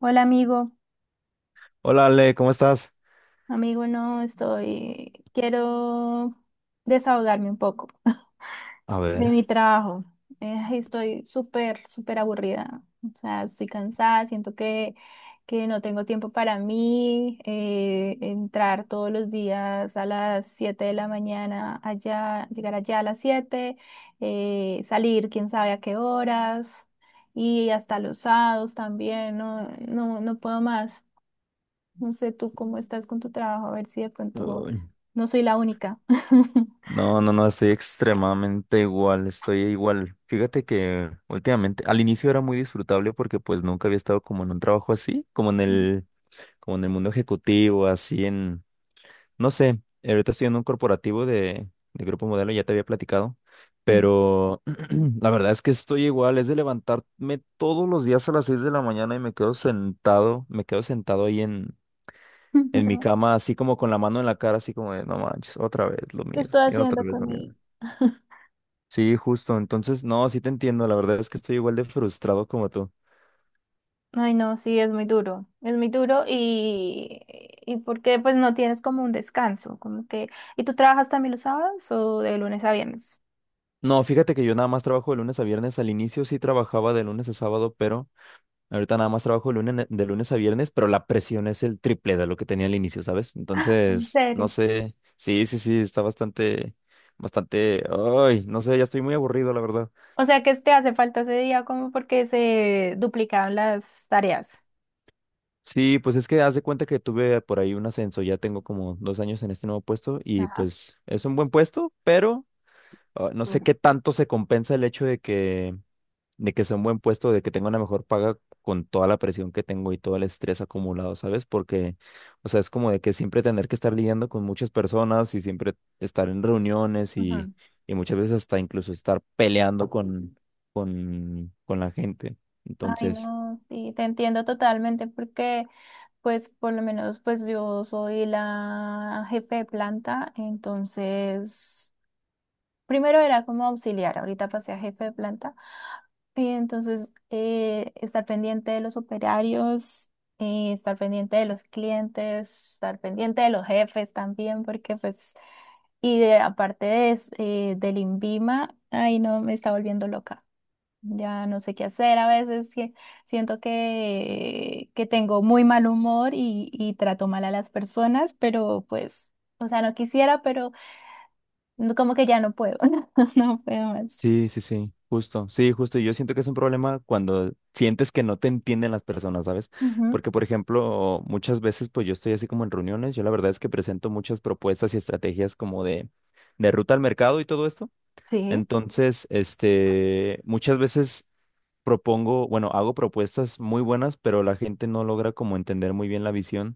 Hola amigo, Hola Ale, ¿cómo estás? amigo, no estoy, quiero desahogarme un poco A de mi ver. trabajo. Estoy súper, súper aburrida. O sea, estoy cansada, siento que no tengo tiempo para mí. Entrar todos los días a las 7 de la mañana allá, llegar allá a las 7 salir quién sabe a qué horas y hasta los sábados también, no, no, no puedo más. No sé tú cómo estás con tu trabajo, a ver si de pronto uy, no soy la única. No, no, no, estoy extremadamente igual, estoy igual. Fíjate que últimamente, al inicio era muy disfrutable porque pues nunca había estado como en un trabajo así, como en como en el mundo ejecutivo, así en, no sé, ahorita estoy en un corporativo de Grupo Modelo, ya te había platicado, Sí. pero la verdad es que estoy igual, es de levantarme todos los días a las 6 de la mañana y me quedo sentado ahí en mi cama, así como con la mano en la cara, así como de, no manches, otra vez lo ¿Qué mismo, estoy y haciendo otra vez con lo mismo. mi... Sí, justo. Entonces, no, sí te entiendo. La verdad es que estoy igual de frustrado como tú. Ay, no, sí, es muy duro, es muy duro, y porque pues no tienes como un descanso, como que... ¿Y tú trabajas también los sábados o de lunes a viernes? No, fíjate que yo nada más trabajo de lunes a viernes. Al inicio sí trabajaba de lunes a sábado, pero ahorita nada más trabajo de lunes a viernes, pero la presión es el triple de lo que tenía al inicio, ¿sabes? En Entonces, no serio. sé. Sí, sí, sí, está bastante, bastante. Ay, no sé, ya estoy muy aburrido, la verdad. O sea que te hace falta ese día como porque se duplicaban las tareas. Sí, pues es que haz de cuenta que tuve por ahí un ascenso, ya tengo como 2 años en este nuevo puesto y Ajá. pues es un buen puesto, pero ah, no sé Duro. qué tanto se compensa el hecho de que sea un buen puesto, de que tenga una mejor paga con toda la presión que tengo y todo el estrés acumulado, ¿sabes? Porque, o sea, es como de que siempre tener que estar lidiando con muchas personas y siempre estar en reuniones Ujú. y muchas veces hasta incluso estar peleando con la gente. Ay, Entonces... no, sí, te entiendo totalmente porque pues por lo menos pues yo soy la jefe de planta, entonces primero era como auxiliar, ahorita pasé a jefe de planta, y entonces estar pendiente de los operarios, estar pendiente de los clientes, estar pendiente de los jefes también, porque pues, del INVIMA, ay no, me está volviendo loca. Ya no sé qué hacer, a veces que siento que tengo muy mal humor y trato mal a las personas, pero pues, o sea, no quisiera, pero como que ya no puedo, no puedo más. Sí, sí, sí, justo, sí, justo. Yo siento que es un problema cuando sientes que no te entienden las personas, ¿sabes? Ujú. Porque, por ejemplo, muchas veces, pues yo estoy así como en reuniones, yo la verdad es que presento muchas propuestas y estrategias como de ruta al mercado y todo esto. Sí. Entonces, este, muchas veces propongo, bueno, hago propuestas muy buenas, pero la gente no logra como entender muy bien la visión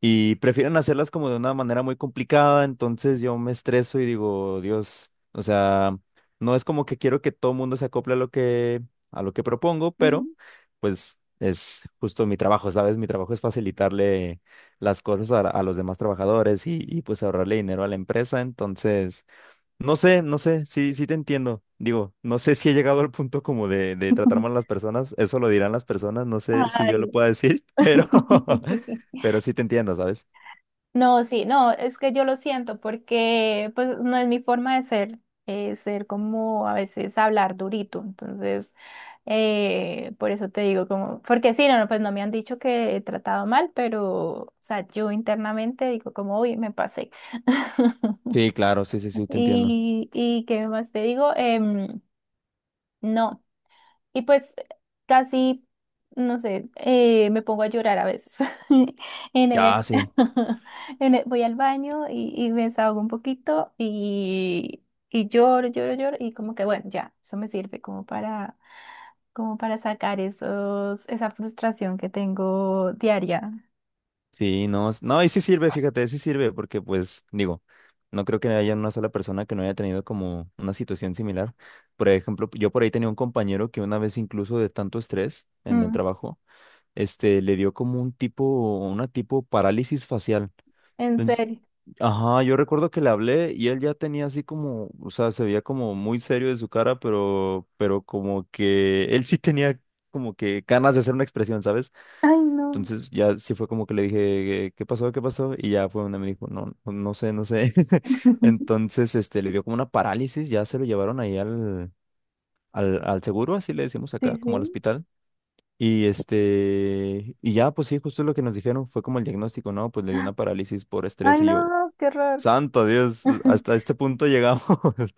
y prefieren hacerlas como de una manera muy complicada, entonces yo me estreso y digo, Dios, o sea, no es como que quiero que todo el mundo se acople a lo que propongo, pero Ujú. pues es justo mi trabajo, ¿sabes? Mi trabajo es facilitarle las cosas a los demás trabajadores y pues ahorrarle dinero a la empresa, entonces no sé, no sé, sí, sí te entiendo. Digo, no sé si he llegado al punto como de tratar mal a las personas, eso lo dirán las personas, no sé si yo lo Ay. pueda decir, pero sí te entiendo, ¿sabes? No, sí, no, es que yo lo siento porque pues no es mi forma de ser, ser como a veces hablar durito, entonces por eso te digo como, porque sí, no, no, pues no me han dicho que he tratado mal, pero o sea, yo internamente digo como, uy, me pasé. Sí, claro, sí, sí, sí, te entiendo. Y qué más te digo. No. Y pues casi, no sé, me pongo a llorar a veces. En el- Ya, sí. Voy al baño y me desahogo un poquito y lloro, lloro, lloro y como que bueno, ya, eso me sirve como para, como para sacar esos, esa frustración que tengo diaria. Sí, no, no, y sí sirve, fíjate, sí sirve, porque pues, digo, no creo que haya una sola persona que no haya tenido como una situación similar. Por ejemplo, yo por ahí tenía un compañero que una vez incluso de tanto estrés en el Mm, trabajo, este, le dio como un tipo, una tipo parálisis facial. en serio. Ajá, yo recuerdo que le hablé y él ya tenía así como, o sea, se veía como muy serio de su cara, pero como que él sí tenía como que ganas de hacer una expresión, ¿sabes? Ay, no. Entonces ya sí fue como que le dije, ¿qué pasó? ¿Qué pasó? Y ya fue donde me dijo, no, no sé, no sé. Entonces, este, le dio como una parálisis, ya se lo llevaron ahí al seguro, así le decimos Sí, acá, como al sí. hospital. Y este, y ya, pues sí, justo lo que nos dijeron fue como el diagnóstico, ¿no? Pues le dio una parálisis por estrés Ay, y yo, no, qué horror. Santo Dios, hasta este punto llegamos.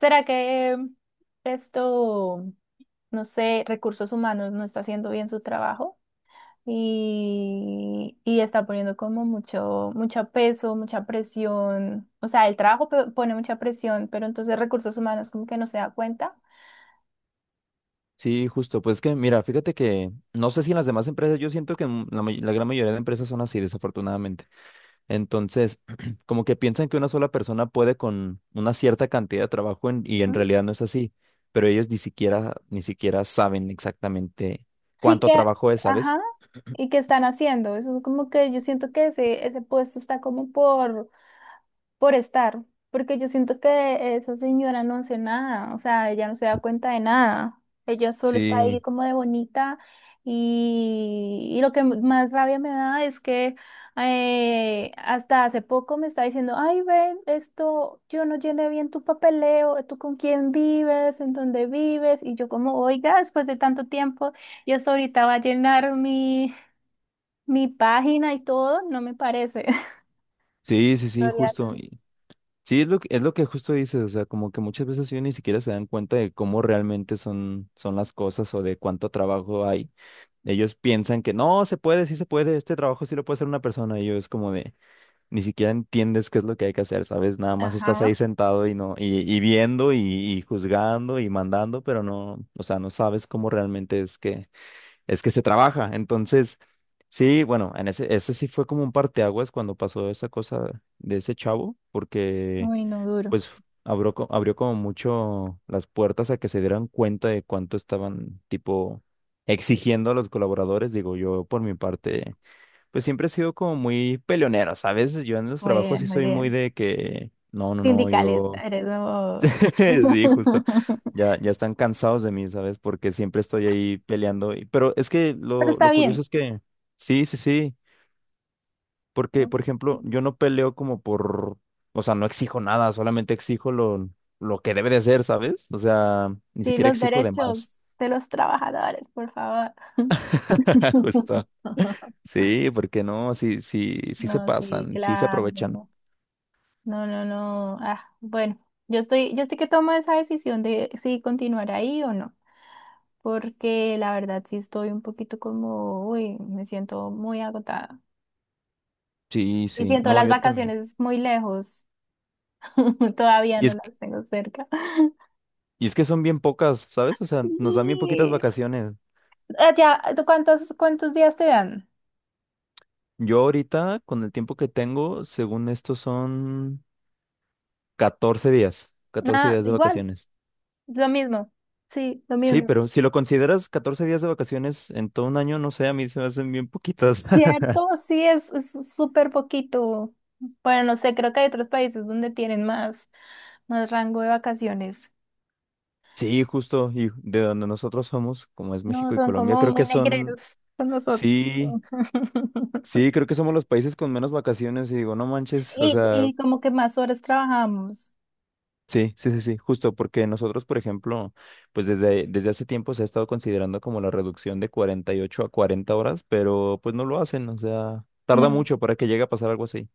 ¿Será que esto... no sé, recursos humanos no está haciendo bien su trabajo y está poniendo como mucho, mucho peso, mucha presión. O sea, el trabajo pone mucha presión, pero entonces recursos humanos como que no se da cuenta. Sí, justo. Pues que, mira, fíjate que no sé si en las demás empresas, yo siento que en la gran mayoría de empresas son así, desafortunadamente. Entonces, como que piensan que una sola persona puede con una cierta cantidad de trabajo y en ¿Mm? realidad no es así. Pero ellos ni siquiera, ni siquiera saben exactamente Sí cuánto que, trabajo es, ¿sabes? ajá, y qué están haciendo. Eso es como que yo siento que ese puesto está como por por estar, porque yo siento que esa señora no hace nada, o sea, ella no se da cuenta de nada, ella solo está ahí Sí, como de bonita y lo que más rabia me da es que hasta hace poco me está diciendo, ay, ven, esto, yo no llené bien tu papeleo, tú con quién vives, en dónde vives, y yo como, oiga, después de tanto tiempo, yo hasta ahorita va a llenar mi, mi página y todo, no me parece. sí, sí, sí, Gloria, justo. Sí, es lo que justo dices, o sea, como que muchas veces ellos ni siquiera se dan cuenta de cómo realmente son, son las cosas o de cuánto trabajo hay. Ellos piensan que no, se puede, sí se puede, este trabajo sí lo puede hacer una persona. Y yo es como de, ni siquiera entiendes qué es lo que hay que hacer, ¿sabes? Nada más estás ahí ajá, sentado y no, y viendo y juzgando y mandando, pero no, o sea, no sabes cómo realmente es que se trabaja. Entonces, sí, bueno, en ese sí fue como un parteaguas cuando pasó esa cosa de ese chavo, porque uy, no duro. pues abrió, abrió como mucho las puertas a que se dieran cuenta de cuánto estaban, tipo, exigiendo a los colaboradores. Digo, yo por mi parte, pues siempre he sido como muy peleonero, ¿sabes? Yo en los Muy trabajos bien, sí muy soy muy bien. de que, no, no, no, Sindicalista, yo, eres muy- sí, justo. Ya, ya están cansados de mí, ¿sabes? Porque siempre estoy ahí peleando. Pero es que Pero está lo curioso bien, es que, sí, sí, sí. Porque, ¿no? por ejemplo, yo no peleo como por, o sea, no exijo nada, solamente exijo lo que debe de ser, ¿sabes? O sea, ni Sí, siquiera los exijo de más. derechos de los trabajadores, por favor. Justo. Sí, porque no, sí, sí, sí se No, sí, pasan, sí se claro. aprovechan. No, no, no, no. Ah, bueno, yo estoy que tomo esa decisión de si continuar ahí o no. Porque la verdad sí estoy un poquito como, uy, me siento muy agotada. Sí, Y sí, siento no, las yo también. vacaciones muy lejos. Todavía Y no es que, las tengo cerca. y es que son bien pocas, ¿sabes? O sea, nos dan bien poquitas Sí. vacaciones. Allá, ¿tú cuántos, cuántos días te dan? Yo ahorita, con el tiempo que tengo, según esto son 14 días, 14 Nada, días de igual, vacaciones. lo mismo, sí, lo Sí, mismo. pero si lo consideras 14 días de vacaciones en todo un año, no sé, a mí se me hacen bien poquitas. ¿Cierto? Sí, es súper poquito. Bueno, no sé, creo que hay otros países donde tienen más, más rango de vacaciones. Sí, justo, y de donde nosotros somos, como es No, México y son Colombia, como creo que muy son, negreros con nosotros. sí, sí, creo que somos los países con menos vacaciones y digo, no manches, o Y, sea, y como que más horas trabajamos. sí, sí, sí, sí, justo, porque nosotros, por ejemplo, pues desde, desde hace tiempo se ha estado considerando como la reducción de 48 a 40 horas, pero pues no lo hacen, o sea, tarda No. mucho para que llegue a pasar algo así.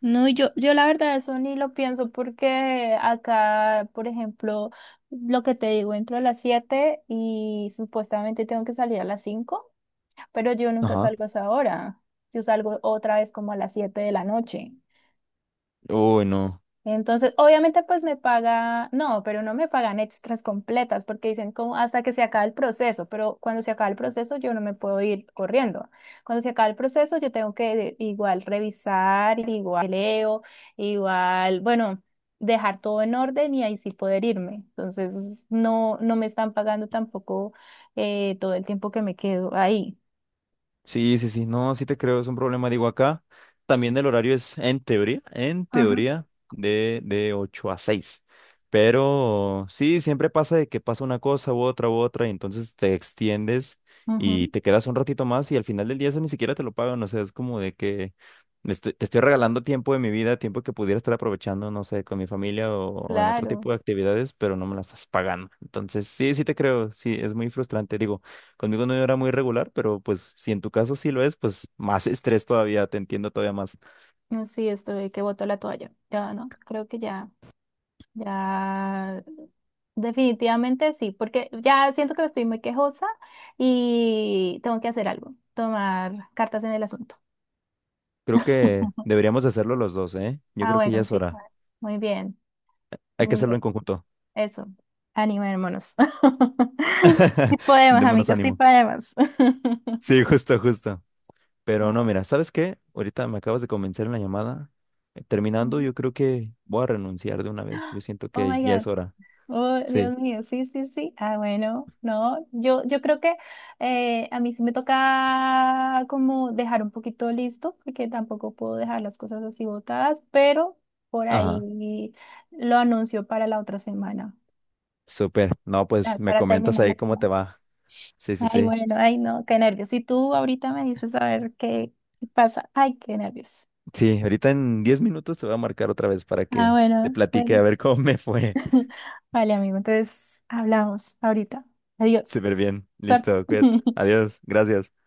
No, yo la verdad eso ni lo pienso porque acá, por ejemplo, lo que te digo, entro a las 7 y supuestamente tengo que salir a las 5 pero yo nunca Ajá. salgo a esa hora. Yo salgo otra vez como a las 7 de la noche. Uy, no. Entonces, obviamente, pues me paga, no, pero no me pagan extras completas porque dicen como hasta que se acabe el proceso, pero cuando se acaba el proceso yo no me puedo ir corriendo. Cuando se acaba el proceso yo tengo que igual revisar, igual leo, igual, bueno, dejar todo en orden y ahí sí poder irme. Entonces, no, no me están pagando tampoco todo el tiempo que me quedo ahí. Sí, sí, sí, no, sí te creo, es un problema. Digo, acá también el horario es en Ajá. teoría, de 8 a 6. Pero sí, siempre pasa de que pasa una cosa u otra y entonces te extiendes y Ujú. te quedas un ratito más y al final del día eso ni siquiera te lo pagan. O sea, es como de que te estoy regalando tiempo de mi vida, tiempo que pudiera estar aprovechando, no sé, con mi familia o en otro Claro. tipo de actividades, pero no me la estás pagando. Entonces, sí, sí te creo, sí, es muy frustrante. Digo, conmigo no era muy regular, pero pues si en tu caso sí lo es, pues más estrés todavía, te entiendo todavía más. No, sí, estoy que boto la toalla. Ya no, creo que ya. Ya, definitivamente sí, porque ya siento que estoy muy quejosa y tengo que hacer algo, tomar cartas en el asunto. Creo que deberíamos hacerlo los dos, ¿eh? Yo Ah, creo que ya bueno, es sí, hora. bueno, muy bien, Hay que muy hacerlo bien, en conjunto. eso, animémonos. Sí podemos, Démonos amigos, sí ánimo. podemos. Sí, justo, justo. Pero no, Ah, mira, ¿sabes qué? Ahorita me acabas de convencer en la llamada. Terminando, ujú. yo creo que voy a renunciar de una vez. Yo siento Oh que my ya God. es hora. Oh, Sí. Dios mío, sí, sí, sí. Ah, bueno, no, yo creo que a mí sí me toca como dejar un poquito listo, porque tampoco puedo dejar las cosas así botadas, pero por Ajá. ahí lo anuncio para la otra semana, Súper. No, ah, pues me para comentas terminar ahí las cómo te semanas. va. Sí, sí, Ay, sí. bueno, ay, no, qué nervios. Y tú ahorita me dices a ver qué qué pasa. Ay, qué nervios. Sí, ahorita en 10 minutos te voy a marcar otra vez para Ah, que te bueno, platique bueno. a ver cómo me fue. Vale, amigo, entonces hablamos ahorita. Adiós. Súper bien. Suerte. Listo, cuídate. Adiós. Gracias.